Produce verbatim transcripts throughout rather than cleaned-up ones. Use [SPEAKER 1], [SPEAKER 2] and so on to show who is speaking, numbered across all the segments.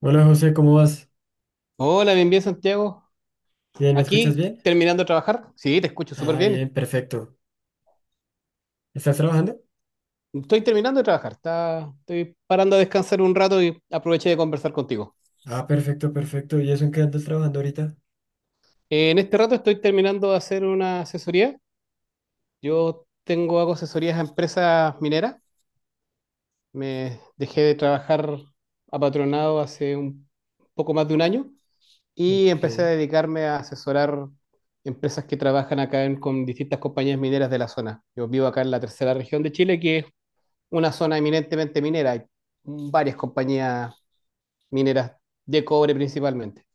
[SPEAKER 1] Hola José, ¿cómo vas?
[SPEAKER 2] Hola, bien, bien, Santiago.
[SPEAKER 1] Bien, ¿me escuchas
[SPEAKER 2] Aquí,
[SPEAKER 1] bien?
[SPEAKER 2] terminando de trabajar. Sí, te escucho súper
[SPEAKER 1] Ah,
[SPEAKER 2] bien.
[SPEAKER 1] bien, perfecto. ¿Estás trabajando?
[SPEAKER 2] Estoy terminando de trabajar. Está, estoy parando a descansar un rato y aproveché de conversar contigo.
[SPEAKER 1] Ah, perfecto, perfecto. ¿Y eso en qué andas trabajando ahorita?
[SPEAKER 2] En este rato estoy terminando de hacer una asesoría. Yo tengo, hago asesorías a empresas mineras. Me dejé de trabajar apatronado hace un poco más de un año y
[SPEAKER 1] Ok.
[SPEAKER 2] empecé a dedicarme a asesorar empresas que trabajan acá en- con distintas compañías mineras de la zona. Yo vivo acá en la tercera región de Chile, que es una zona eminentemente minera. Hay varias compañías mineras de cobre principalmente.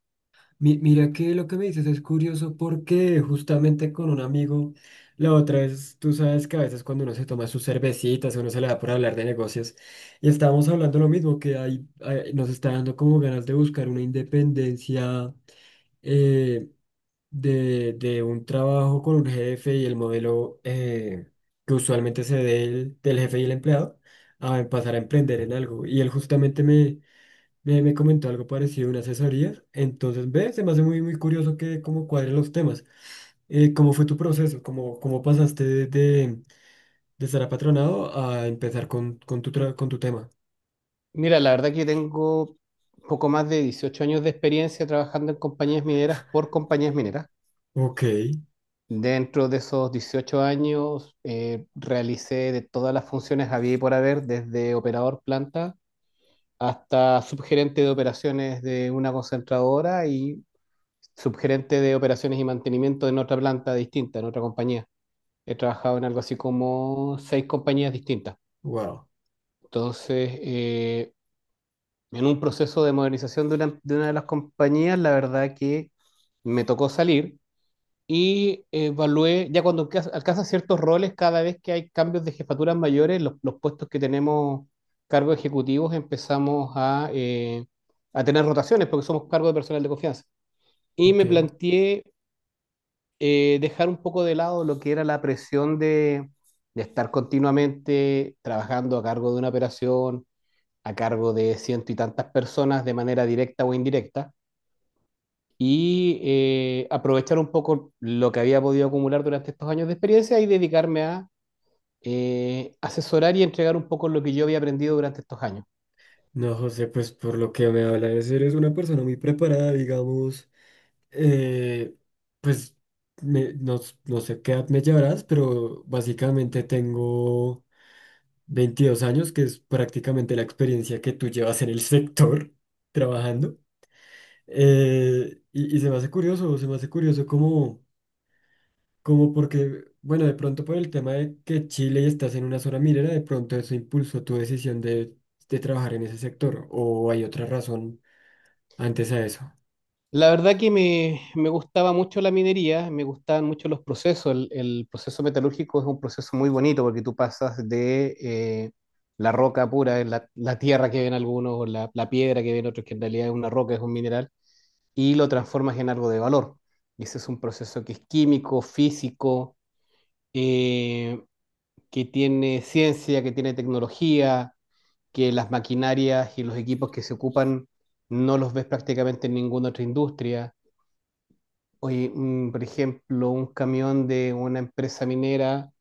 [SPEAKER 1] Mi- mira que lo que me dices es curioso porque justamente con un amigo, la otra vez, tú sabes que a veces cuando uno se toma sus cervecitas, uno se le da por hablar de negocios, y estábamos hablando lo mismo, que hay, hay- nos está dando como ganas de buscar una independencia. eh, de, de un trabajo con un jefe y el modelo eh, que usualmente se dé el- del jefe y el empleado a pasar a emprender en algo. Y él justamente me, me, me comentó algo parecido, una asesoría. Entonces, ve, se me hace muy, muy curioso que cómo cuadren los temas. Eh, ¿cómo fue tu proceso? ¿Cómo, ¿cómo pasaste de, de, de estar apatronado a empezar con, con tu, tra- con tu tema?
[SPEAKER 2] Mira, la verdad que tengo poco más de dieciocho años de experiencia trabajando en compañías mineras por compañías mineras.
[SPEAKER 1] Ok,
[SPEAKER 2] Dentro de esos dieciocho años eh, realicé de todas las funciones había y por haber, desde operador planta hasta subgerente de operaciones de una concentradora y subgerente de operaciones y mantenimiento en otra planta distinta, en otra compañía. He trabajado en algo así como seis compañías distintas.
[SPEAKER 1] wow,
[SPEAKER 2] Entonces, eh, en un proceso de modernización de una, de una de las compañías, la verdad que me tocó salir y evalué, ya cuando alca- alcanzas ciertos roles, cada vez que hay cambios de jefaturas mayores, los, los puestos que tenemos cargos ejecutivos, empezamos a, eh, a tener rotaciones porque somos cargos de personal de confianza. Y
[SPEAKER 1] ok.
[SPEAKER 2] me planteé eh, dejar un poco de lado lo que era la presión de, de estar continuamente trabajando a cargo de una operación, a cargo de ciento y tantas personas de manera directa o indirecta, y eh, aprovechar un poco lo que había podido acumular durante estos años de experiencia y dedicarme a eh, asesorar y entregar un poco lo que yo había aprendido durante estos años.
[SPEAKER 1] No, José, pues por lo que me hablas, eres eres una persona muy preparada, digamos. Eh, pues me- no, s- no sé qué edad me llevarás, pero básicamente tengo veintidós años, que es prácticamente la experiencia que tú llevas en el sector trabajando. Eh, y, y se me hace curioso, se me hace curioso como, como porque, bueno, de pronto por el tema de que Chile y estás en una zona minera, de pronto eso impulsó tu decisión de, de trabajar en ese sector, o hay otra razón antes a eso.
[SPEAKER 2] La verdad que me, me gustaba mucho la minería, me gustaban mucho los procesos. El, el proceso metalúrgico es un proceso muy bonito porque tú pasas de eh, la roca pura, la, la tierra que ven algunos, o la, la piedra que ven otros, que en realidad es una roca, es un mineral, y lo transformas en algo de valor. Y ese es un proceso que es químico, físico, eh, que tiene ciencia, que tiene tecnología, que las maquinarias y los equipos que se ocupan no los ves prácticamente en ninguna otra industria. Oye, mm, por ejemplo, un camión de una empresa minera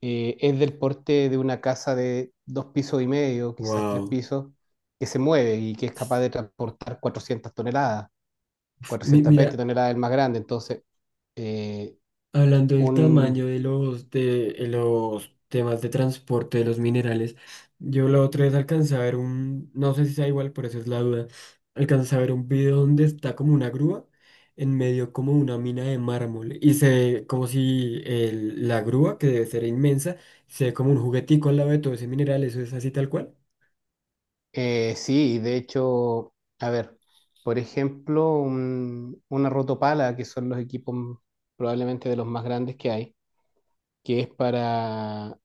[SPEAKER 2] eh, es del porte de una casa de dos pisos y medio, quizás tres
[SPEAKER 1] Wow.
[SPEAKER 2] pisos, que se mueve y que es capaz de transportar cuatrocientas toneladas,
[SPEAKER 1] Mi-
[SPEAKER 2] cuatrocientas veinte
[SPEAKER 1] mira,
[SPEAKER 2] toneladas el más grande. Entonces, eh,
[SPEAKER 1] Hablando del
[SPEAKER 2] un,
[SPEAKER 1] tamaño de los, de, de los temas de transporte de los minerales, yo la otra vez alcancé a ver un, no sé si sea igual, por eso es la duda, alcancé a ver un video donde está como una grúa en medio como una mina de mármol y se ve como si el- la grúa, que debe ser inmensa, se ve como un juguetico al lado de todo ese mineral, eso es así tal cual.
[SPEAKER 2] eh, sí, de hecho, a ver, por ejemplo, un- una rotopala, que son los equipos probablemente de los más grandes que hay, que es para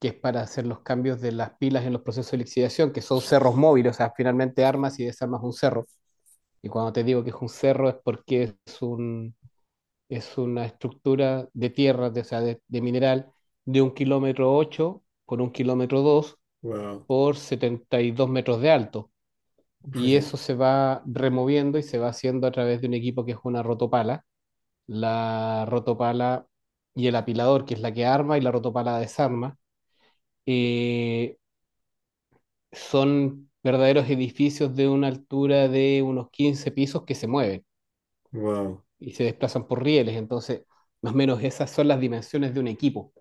[SPEAKER 2] que es para hacer los cambios de las pilas en los procesos de lixiviación, que son cerros móviles, o sea, finalmente armas y desarmas un cerro. Y cuando te digo que es un cerro es porque es, un, es una estructura de tierra, de, o sea, de, de mineral, de un kilómetro ocho por un kilómetro dos
[SPEAKER 1] Wow,
[SPEAKER 2] por setenta y dos metros de alto.
[SPEAKER 1] fue
[SPEAKER 2] Y
[SPEAKER 1] el,
[SPEAKER 2] eso se va removiendo y se va haciendo a través de un equipo que es una rotopala. La rotopala y el apilador, que es la que arma y la rotopala desarma. Eh, Son verdaderos edificios de una altura de unos quince pisos que se mueven
[SPEAKER 1] wow.
[SPEAKER 2] y se desplazan por rieles. Entonces, más o menos esas son las dimensiones de un equipo.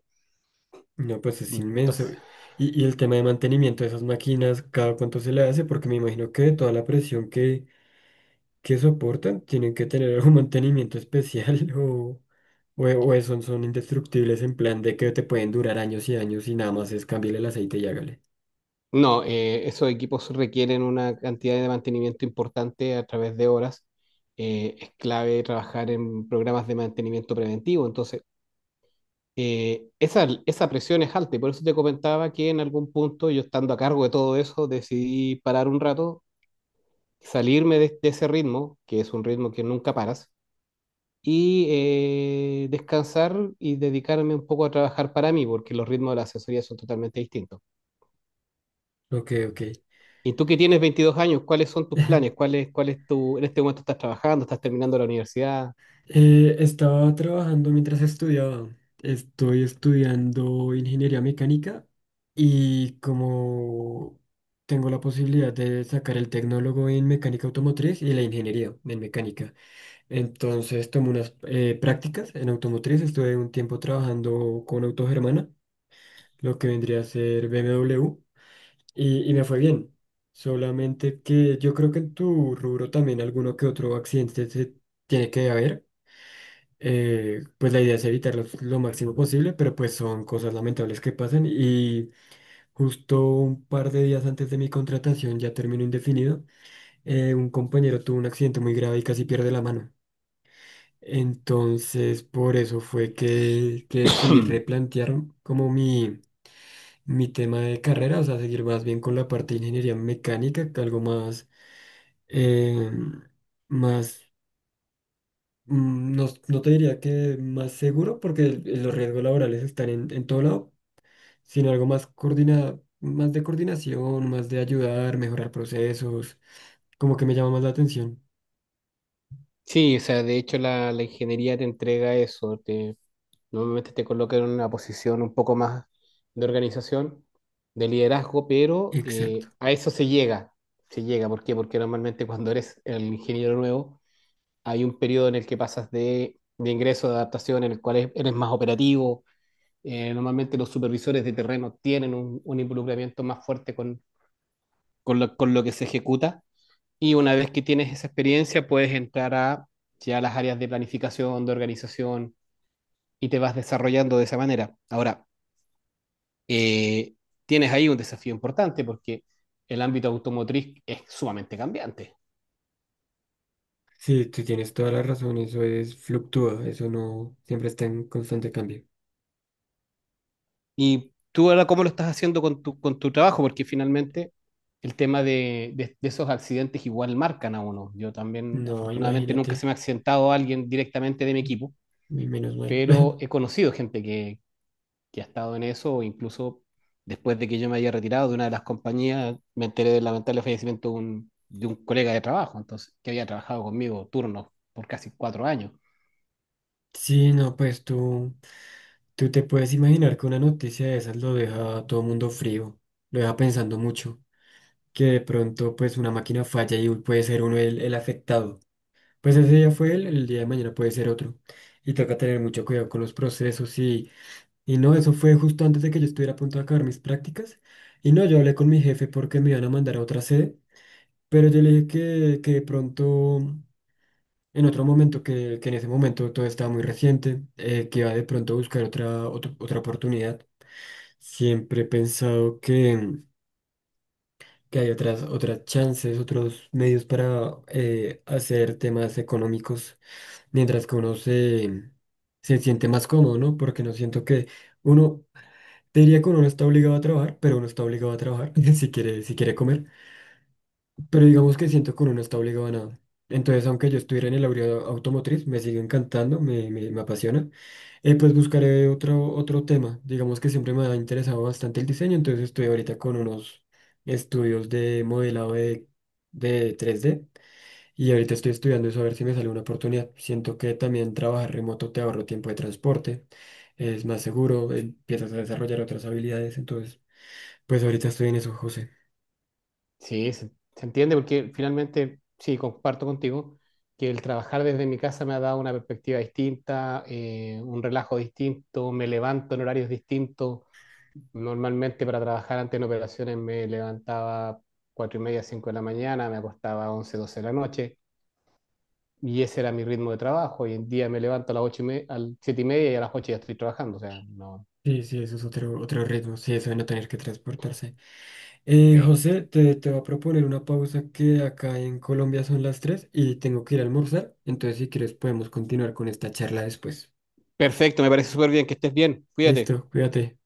[SPEAKER 1] No, pues es inmenso.
[SPEAKER 2] Entonces,
[SPEAKER 1] Y, y el tema de mantenimiento de esas máquinas, ¿cada cuánto se le hace? Porque me imagino que de toda la presión que, que soportan, tienen que tener algún mantenimiento especial o, o, o son, son indestructibles en plan de que te pueden durar años y años y nada más es cambiarle el aceite y hágale.
[SPEAKER 2] no, eh, Esos equipos requieren una cantidad de mantenimiento importante a través de horas. Eh, es clave trabajar en programas de mantenimiento preventivo. Entonces, eh, esa, esa presión es alta y por eso te comentaba que en algún punto yo estando a cargo de todo eso decidí parar un rato, salirme de, de ese ritmo, que es un ritmo que nunca paras, y eh, descansar y dedicarme un poco a trabajar para mí, porque los ritmos de la asesoría son totalmente distintos.
[SPEAKER 1] Ok, ok.
[SPEAKER 2] Y tú que tienes veintidós años, ¿cuáles son tus planes? ¿Cuál es, cuál es tu, en este momento estás trabajando, estás terminando la universidad?
[SPEAKER 1] Eh, estaba trabajando mientras estudiaba. Estoy estudiando ingeniería mecánica y como tengo la posibilidad de sacar el tecnólogo en mecánica automotriz y la ingeniería en mecánica. Entonces tomé unas eh, prácticas en automotriz. Estuve un tiempo trabajando con Autogermana, lo que vendría a ser B M W, y, y me fue bien. Solamente que yo creo que en tu rubro también alguno que otro accidente se tiene que haber eh, pues la idea es evitarlos lo máximo posible, pero pues son cosas lamentables que pasan y justo un par de días antes de mi contratación, ya término indefinido, eh, un compañero tuvo un accidente muy grave y casi pierde la mano. Entonces, por eso fue que, que sí replantear como mi, mi tema de carrera, o sea, seguir más bien con la parte de ingeniería mecánica, que algo más, eh, más Mm, no, no te diría que más seguro, porque el- los riesgos laborales están en, en todo lado, sino algo más coordina, más de coordinación, más de ayudar, mejorar procesos, como que me llama más la atención.
[SPEAKER 2] Sí, o sea, de hecho la, la ingeniería te entrega eso, te normalmente te colocan en una posición un poco más de organización, de liderazgo, pero eh,
[SPEAKER 1] Exacto.
[SPEAKER 2] a eso se llega. Se llega, ¿por qué? Porque normalmente cuando eres el ingeniero nuevo, hay un periodo en el que pasas de, de ingreso, de adaptación, en el cual es- eres más operativo. Eh, normalmente los supervisores de terreno tienen un, un involucramiento más fuerte con, con lo, con lo que se ejecuta. Y una vez que tienes esa experiencia, puedes entrar a ya las áreas de planificación, de organización, y te vas desarrollando de esa manera. Ahora, eh, tienes ahí un desafío importante porque el ámbito automotriz es sumamente cambiante.
[SPEAKER 1] Sí, tú tienes toda la razón, eso es fluctúa, eso no siempre está en constante cambio.
[SPEAKER 2] Y tú ahora, ¿cómo lo estás haciendo con tu, con tu trabajo? Porque finalmente el tema de, de- de esos accidentes igual marcan a uno. Yo también,
[SPEAKER 1] No,
[SPEAKER 2] afortunadamente, nunca se
[SPEAKER 1] imagínate,
[SPEAKER 2] me ha accidentado alguien directamente de mi equipo,
[SPEAKER 1] y menos mal.
[SPEAKER 2] pero he conocido gente que, que ha estado en eso, incluso después de que yo me haya retirado de una de las compañías, me enteré del lamentable fallecimiento de un, de un colega de trabajo, entonces, que había trabajado conmigo turnos por casi cuatro años.
[SPEAKER 1] Sí, no, pues tú, tú te puedes imaginar que una noticia de esas lo deja a todo mundo frío, lo deja pensando mucho. Que de pronto pues una máquina falla y puede ser uno el, el afectado. Pues ese día fue él, el día de mañana puede ser otro. Y toca tener mucho cuidado con los procesos y, y no, eso fue justo antes de que yo estuviera a punto de acabar mis prácticas. Y no, yo hablé con mi jefe porque me iban a mandar a otra sede, pero yo le dije que, que de pronto, en otro momento, que, que en ese momento todo estaba muy reciente, eh, que iba de pronto a buscar otra, otra, otra oportunidad. Siempre he pensado que... que hay otras, otras chances, otros medios para eh, hacer temas económicos, mientras que uno se, se siente más cómodo, ¿no? Porque no siento que uno, te diría que uno no está obligado a trabajar, pero uno está obligado a trabajar si quiere, si quiere comer. Pero digamos que siento que uno no está obligado a nada. Entonces, aunque yo estuviera en el área automotriz, me sigue encantando, me, me, me apasiona. Eh, pues buscaré otro, otro tema. Digamos que siempre me ha interesado bastante el diseño, entonces estoy ahorita con unos estudios de modelado de, de tres D y ahorita estoy estudiando eso a ver si me sale una oportunidad. Siento que también trabajar remoto te ahorro tiempo de transporte, es más seguro, empiezas a desarrollar otras habilidades, entonces, pues ahorita estoy en eso, José.
[SPEAKER 2] Sí, se, Se entiende porque finalmente, sí, comparto contigo que el trabajar desde mi casa me ha dado una perspectiva distinta, eh, un relajo distinto, me levanto en horarios distintos. Normalmente para trabajar antes en operaciones me levantaba cuatro y media, cinco de la mañana, me acostaba once doce de la noche y ese era mi ritmo de trabajo. Hoy en día me levanto a las ocho y me- a las siete y media, y a las ocho ya estoy trabajando. O sea, no,
[SPEAKER 1] Sí, sí, eso es otro, otro ritmo, sí, eso de no tener que transportarse. Eh,
[SPEAKER 2] sí.
[SPEAKER 1] José, te, te voy a proponer una pausa que acá en Colombia son las tres y tengo que ir a almorzar, entonces si quieres podemos continuar con esta charla después.
[SPEAKER 2] Perfecto, me parece súper bien, que estés bien, cuídate.
[SPEAKER 1] Listo, cuídate.